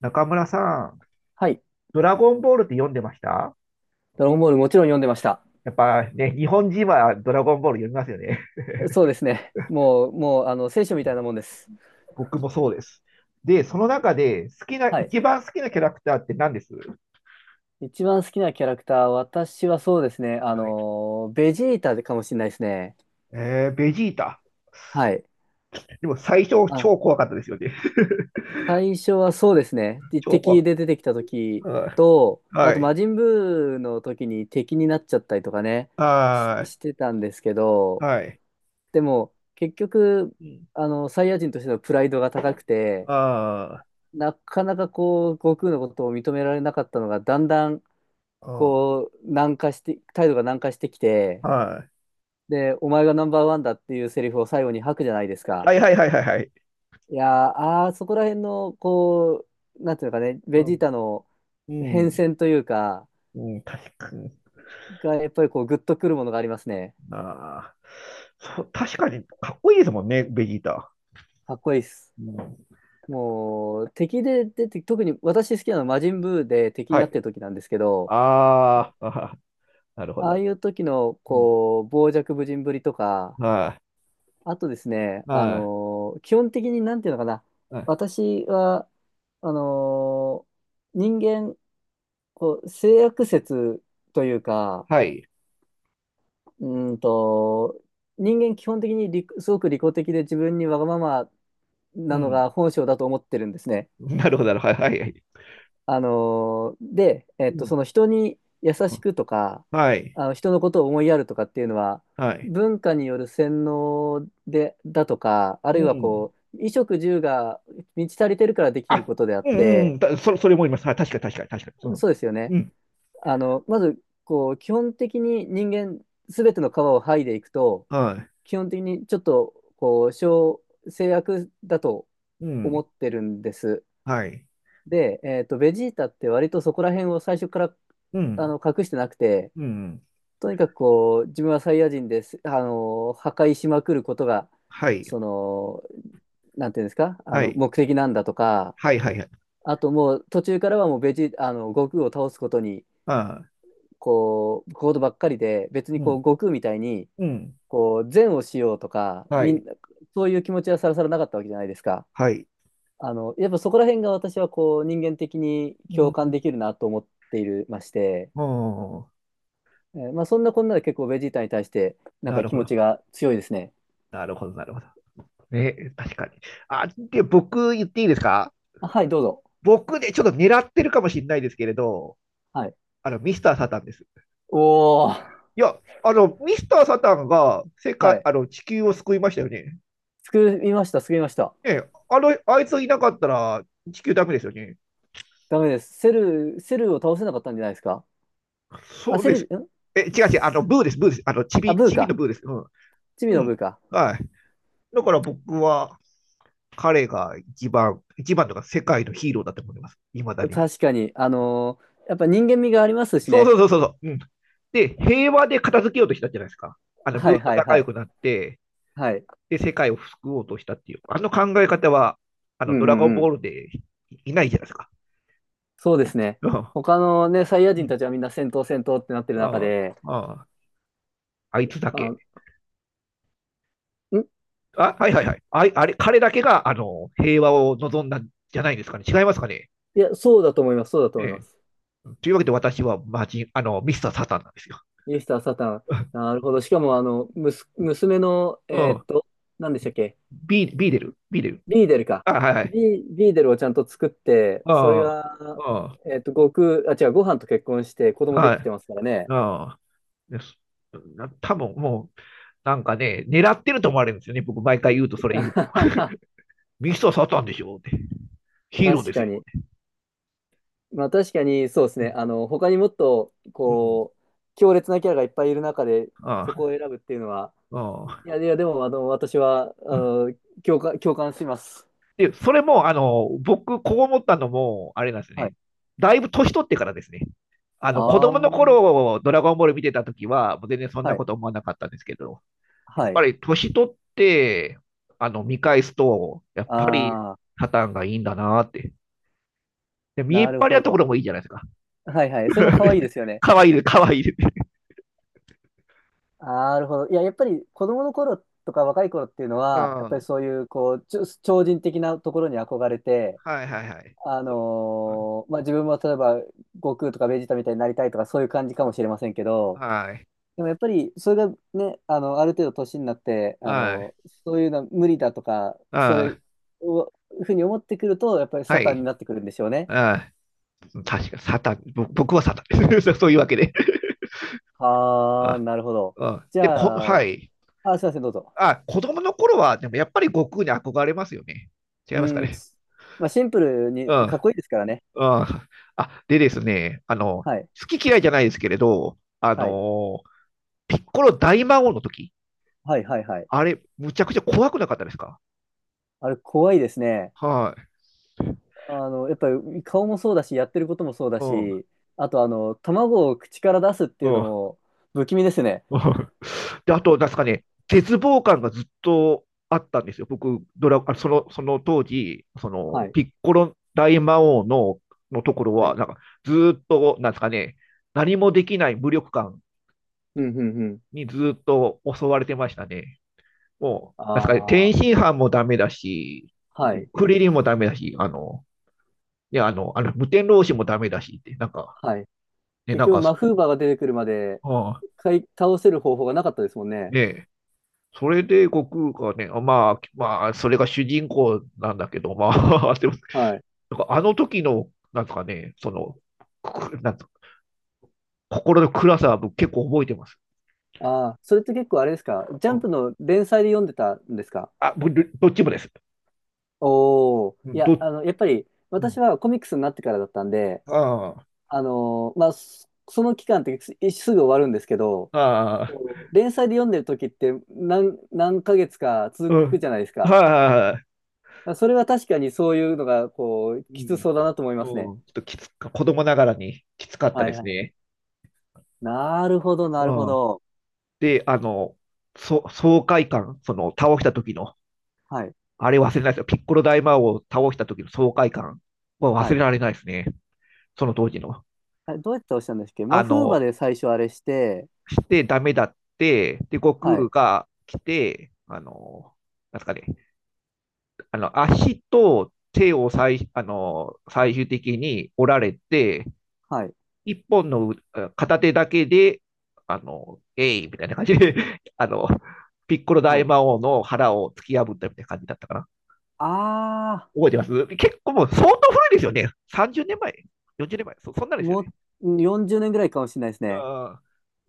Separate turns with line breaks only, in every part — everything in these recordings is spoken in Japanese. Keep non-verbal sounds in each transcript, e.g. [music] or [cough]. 中村さん、
はい。
ドラゴンボールって読んでました？
ドラゴンボールもちろん読んでました。
やっぱね、日本人はドラゴンボール読みますよね。
そうですね。もう、聖書みたいなもんです。
[laughs] 僕もそうです。で、その中で好きな、
はい。
一番好きなキャラクターって何です？
一番好きなキャラクター、私はそうですね。
はい。
ベジータかもしれないですね。
えー、ベジータ。
はい。
でも最初
あ、
超怖かったですよね。
最初はそうですね。
[laughs]
で
超怖か
敵
っ
で出てきた時
た。うん。
と、あ
は
と、
い。
魔人ブーの時に敵になっちゃったりとかね、し、
は
してたんですけ
い。
ど、
はい。
でも、結局、
うん。
サイヤ人としてのプライドが高くて、
あー。
なかなかこう、悟空のことを認められなかったのが、だんだん、
あ
こう、軟化して、態度が軟化してきて、
ー、は
で、お前がナンバーワンだっていうセリフを最後に吐くじゃないです
い。は
か。
いはいはいはいはい。
いやー、そこら辺の、こう、なんていうのかね、
う
ベジー
ん。
タの
う
変
ん。
遷というか、
うん、確かに。
が、やっぱりこう、グッとくるものがありますね。
ああ。そう、確かに、かっこいいですもんね、ベジータ。
かっこいいっす。
うん。
もう、敵で出て、特に私好きなのは魔人ブーで敵に
は
なっ
い。
てる時なんですけど、
ああ、[laughs] あはは。なるほど、
あ
な
あ
るほ
いう時の、
ど。うん。
こう、傍若無人ぶりとか、
はい、
あとですね、
は
基本的になんていうのかな、
い、はい、
私は、あの人間、こう、性悪説というか、
はい。
うーんと、人間基本的にすごく利己的で自分にわがまま
う
なのが
ん。
本性だと思ってるんですね。
なるほど、なるほど。はい、はい。
あのーで、え
う
っと、そ
ん。
の人に優しくとか、
はい、
あの人のことを思いやるとかっていうのは、
はい。
文化による洗脳で、だとか、あ
う
るいは
ん。
こう、衣食住が満ち足りてるからできる
あ、
ことであっ
うん、う
て、
ん。それもいます。はい、確かに、確かに、確かに。
そうですよ
う
ね。
ん。うん。
まず、こう、基本的に人間、すべての皮を剥いでいくと、
はい。
基本的にちょっと、こう、制約だと
う
思
ん。
ってるんです。
はい。
で、ベジータって割とそこら辺を最初から
うん。
隠してなくて、
うん。
とにかくこう、自分はサイヤ人です、破壊しまくることが、
はい。
その、なんていうんですか、
はい。
目的なんだとか、
はい、はい、はい。
あともう途中からはもうベジータ、悟空を倒すことに、
あ
こう、ことばっかりで、別に
ー。う
こう、
ん。
悟空みたいに、
うん。
こう、善をしようとか、
は
み
い。
んな、そういう気持ちはさらさらなかったわけじゃないですか。
はい。
やっぱそこら辺が私はこう人間的に
う
共感で
ん。
きるなと思っているまして、
おー、
まあそんなこんなで結構ベジータに対してなん
な
か
る
気
ほ
持ち
ど。
が強いですね。
なるほど、なるほど。ね、確かに。あ、で、僕言っていいですか？
あ、はい、どうぞ。
僕ね、ちょっと狙ってるかもしれないですけれど、
はい。
ミスター・サタンです。
おー、
いや、ミスター・サタンが世
は
界、
い。
地球を救いましたよね。
救いました、救いました。
ね、あいついなかったら地球ダメですよね。
ダメです。セルを倒せなかったんじゃないですか？あ、
そう
セ
で
ル、
す。
ん、
え、違う違う、ブーです、ブーです。チ
あ、
ビ、
ブー
チビの
か。
ブーです。うん。
チビの
うん。
ブーか。
はい。だから僕は、彼が一番とか世界のヒーローだと思います。いまだに。
確かに、やっぱ人間味がありますし
そうそ
ね。
うそうそう。うん。で、平和で片付けようとしたじゃないですか。
は
ブー
い
と
はい
仲
は
良
い。
くなって、
はい。
で世界を救おうとしたっていう、あの考え方は、
うん
ド
う
ラゴン
んう
ボー
ん。
ルでいないじゃないですか。
そうですね。
うん。
他のね、サイヤ
う
人
ん。
たちはみんな戦闘戦闘ってなってる中
あ
で、
あ、あいつだ
あ、
け。
ん、
あ、はいはいはい。ああれ、彼だけが、平和を望んだんじゃないですかね。違いますかね。
いや、そうだと思います、そうだと思いま
ええ。
す。
というわけで私はマジミスターサタンなんですよ。
ミスター・サタン。
[laughs]
なるほど。しかも、娘の、
うん。
何でしたっけ？
ビー、ビデル、ビーデル。
ビーデルか。
あ、はいはい。
ビーデルをちゃんと作って、それ
あ
が、
あ、あ
悟空、あ、違う、ご飯と結婚して子供
あ、
で
は
き
い。
てますからね。
ああ、です。多分もう、なんかね、狙ってると思われるんですよね。僕、毎回言うと、それ言うと。
[laughs]
ミスターサタンでしょって。ヒーロー
確
です
か
よっ
に。
て。
まあ確かにそうですね。他にもっと、
うん。
こう、強烈なキャラがいっぱいいる中で、そこ
あ
を選ぶっていうのは、
あ、あ
い
あ。
や、いや、でも、私は、
うん。
共感、共感します。
で、それも、僕、こう思ったのも、あれなんです
はい。
ね。だいぶ年取ってからですね。
あ
子
あ、
供の
は
頃、ドラゴンボール見てた時は、もう全然そんな
い。
こと思わなかったんですけど、や
は
っぱ
い。
り年取って、見返すと、やっぱり、
ああ、
サタンがいいんだなって。で、見え
な
っ
る
張り
ほ
なとこ
ど。
ろもいいじゃないですか。
はいはい。それも可愛い
[laughs]
ですよね。
かわいいです、かわいいです。
なるほど。いや、やっぱり子供の頃とか若い頃っていうの
う
は、やっぱり
ん。
そういう、こう、超人的なところに憧れて、
はいはいはい。
まあ、自分も例えば、悟空とかベジータみたいになりたいとか、そういう感じかもしれませんけど、
はい。
でもやっぱりそれがね、ある程度年になって、
はい。
そういうのは無理だとか、それ
あ
を、ふうに思ってくると、やっぱり
あ、は
サタンに
い。
なってくるんでしょうね。
ああ、確か、サタン、僕はサタンです。[laughs] そういうわけで。
はあ、
あ
なるほど。
あ、
じ
で、
ゃあ、
はい。
あ、すいません、どうぞ。
あ、子供の頃は、でもやっぱり悟空に憧れますよね。違い
う
ますか
ん、
ね。
まあ、シンプルに
うん、う
かっ
ん。
こいいですからね。
あ、でですね、
はい、
好き嫌いじゃないですけれど、
はい、
ピッコロ大魔王の時、
はい、はい、はい。
あれ、むちゃくちゃ怖くなかったですか？
あれ、怖いですね。
はい。
やっぱり顔もそうだし、やってることもそうだ
うん、
し、あと、卵を口から出すっていう
う
の
ん。
も不気味ですね。
うん。で、あと、なんですかね、絶望感がずっとあったんですよ。僕、あそのその当時、
はい、
ピッコロ大魔王のところ
は
は、
い。
なんか、ずっと、なんですかね、何もできない無力感
うん、うん、うん。
にずっと襲われてましたね。もう、なんですかね、
あ
天
あ。
津飯もダメだし、
はい。
クリリンもダメだし、無天老師もダメだしって、なんか、
はい。
ね、
結
なん
局、
か、
マフーバーが出てくるまで、
うん、
倒せる方法がなかったですもんね。
ね、それで悟空がね、まあ、まあ、それが主人公なんだけど、まあ、[laughs] でも、
はい。
なんかあの時の、なんかね、なんか心の暗さは僕結構覚えてます。
ああ、それって結構あれですか？ジャ
う
ンプ
ん、
の連載で読んでたんですか？
あ、僕どっちもです。
おお、いや、
ど、
やっぱり、私はコミックスになってからだったんで、
あ
まあ、その期間ってすぐ終わるんですけど、
あ、ああ、
こう、連載で読んでる時って何ヶ月か続
う
く
ん、
じゃないですか。
は
それは確かにそういうのが、こう、
い、
き
う
つ
ん、
そうだなと思います
も
ね。
うんちょっときつか、子供ながらにきつかった
は
で
いは
す
い。
ね。
なるほど、なる
う
ほ
ん、
ど。
で、爽快感、その倒した時の、
はい
あれ忘れないですよ。ピッコロ大魔王を倒した時の爽快感は忘
は
れ
い。
られないですね。その当時の。
あれ、どうやって押したんですっけ？
あ
マフーバ
の、
で最初あれして、
してダメだって、で、悟
は
空
い、
が来て、なんすかね、足と手を最、あの、最終的に折られて、
はい、
一本の片手だけで、えいみたいな感じで、[laughs] あの、ピッコロ
は
大
い。
魔王の腹を突き破ったみたいな感じだったかな。
あ
覚えてます結構もう相当古いですよね。30年前、40年前、そんなんですよね。
もう40年ぐらいかもしれないですね。
あ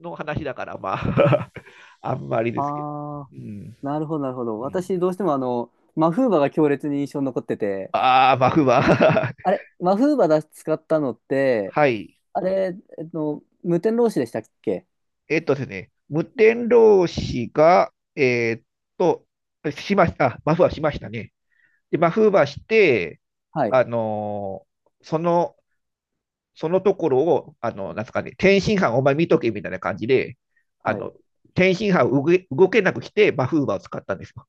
の話だから、まあ、[laughs] あんまり
あ
ですけど。うん。
ー、なるほど、なるほど。
うん、
私、どうしてもあの、マフーバが強烈に印象に残ってて、
ああ、まあ、不満。[laughs]
あれ、マフーバだ使ったのって、
はい。
あれ、無天老師でしたっけ？
えっとですね、無天老師が、と、しました、あ、マフはしましたね。で、マフはして、
はい、
あのーそのそのところを、なんすかね、天津飯お前見とけみたいな感じで、あ
はい。
の、天津飯を動けなくして、マフーバーを使ったんですよ。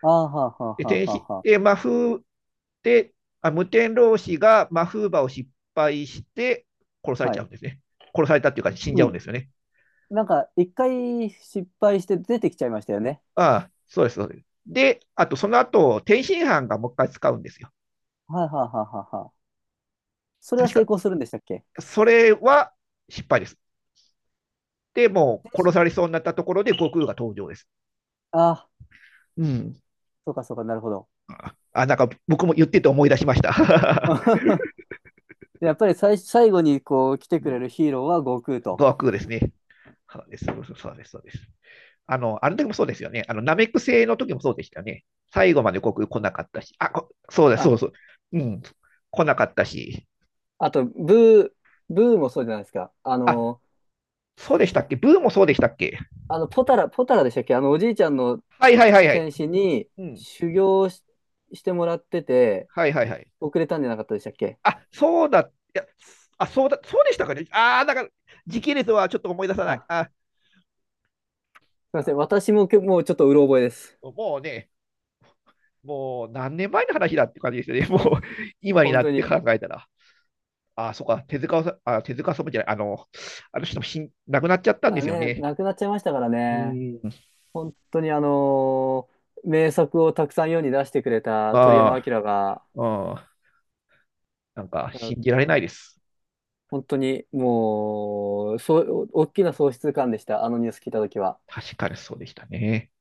あーはーは
で、
ーは
天
ーは
津、
ーはー。
で、マフーで、あ無天老師がマフーバーを失敗して、殺され
は
ちゃ
い。
うんですね。殺されたっていうか、死んじゃ
う
うん
ん。
ですよね。
なんか、一回失敗して出てきちゃいましたよね。
ああ、そうです、そうです。で、あとその後、天津飯がもう一回使うんですよ。
はい、はい、はい、はい。はい、それは
確
成
か。
功するんでしたっけ？
それは失敗です。で、もう殺されそうになったところで悟空が登場です。
あ、
うん。
そうかそうか、なるほど。
あ、なんか僕も言ってて思い出しました。
[laughs] やっぱり最後にこう来てくれる
[laughs]
ヒーローは悟空と。
語ーですね。そうです、そうです、そうです。あの時もそうですよね。ナメック星の時もそうでしたよね。最後まで国来なかったし、あ、そうだ、そ
あ、
うそう。うん、来なかったし。
あと、ブーもそうじゃないですか。
あ、そうでしたっけ？ブーもそうでしたっけ？
ポタラでしたっけ？おじいちゃんの
はいはいはいはい。
戦士に
うん、
修行してもらってて、
はいはいはい。
遅れたんじゃなかったでしたっけ？
あ、そうだ、いや、あ、そうだ、そうでしたかね。ああ、だから、時系列はちょっと思い出さない。
あ、
あ、
すいま
な
せん。
る
私ももうちょっとうろ覚えです。
ほどもうね、もう何年前の話だって感じですよね。[laughs] もう今に
本
な
当
って考
に。
えたら。ああ、そっか、手塚さん、あ、手塚さんじゃない、あの人も亡くなっちゃったんで
あ
すよ
ね、
ね。
亡くなっちゃいましたから
う
ね。
ーん。
本当に名作をたくさん世に出してくれた鳥山
あ
明が、
あ、うん、なんか信じ
あ、
られないです。
本当にもう、そう、大きな喪失感でした、あのニュース聞いたときは。
確かにそうでしたね。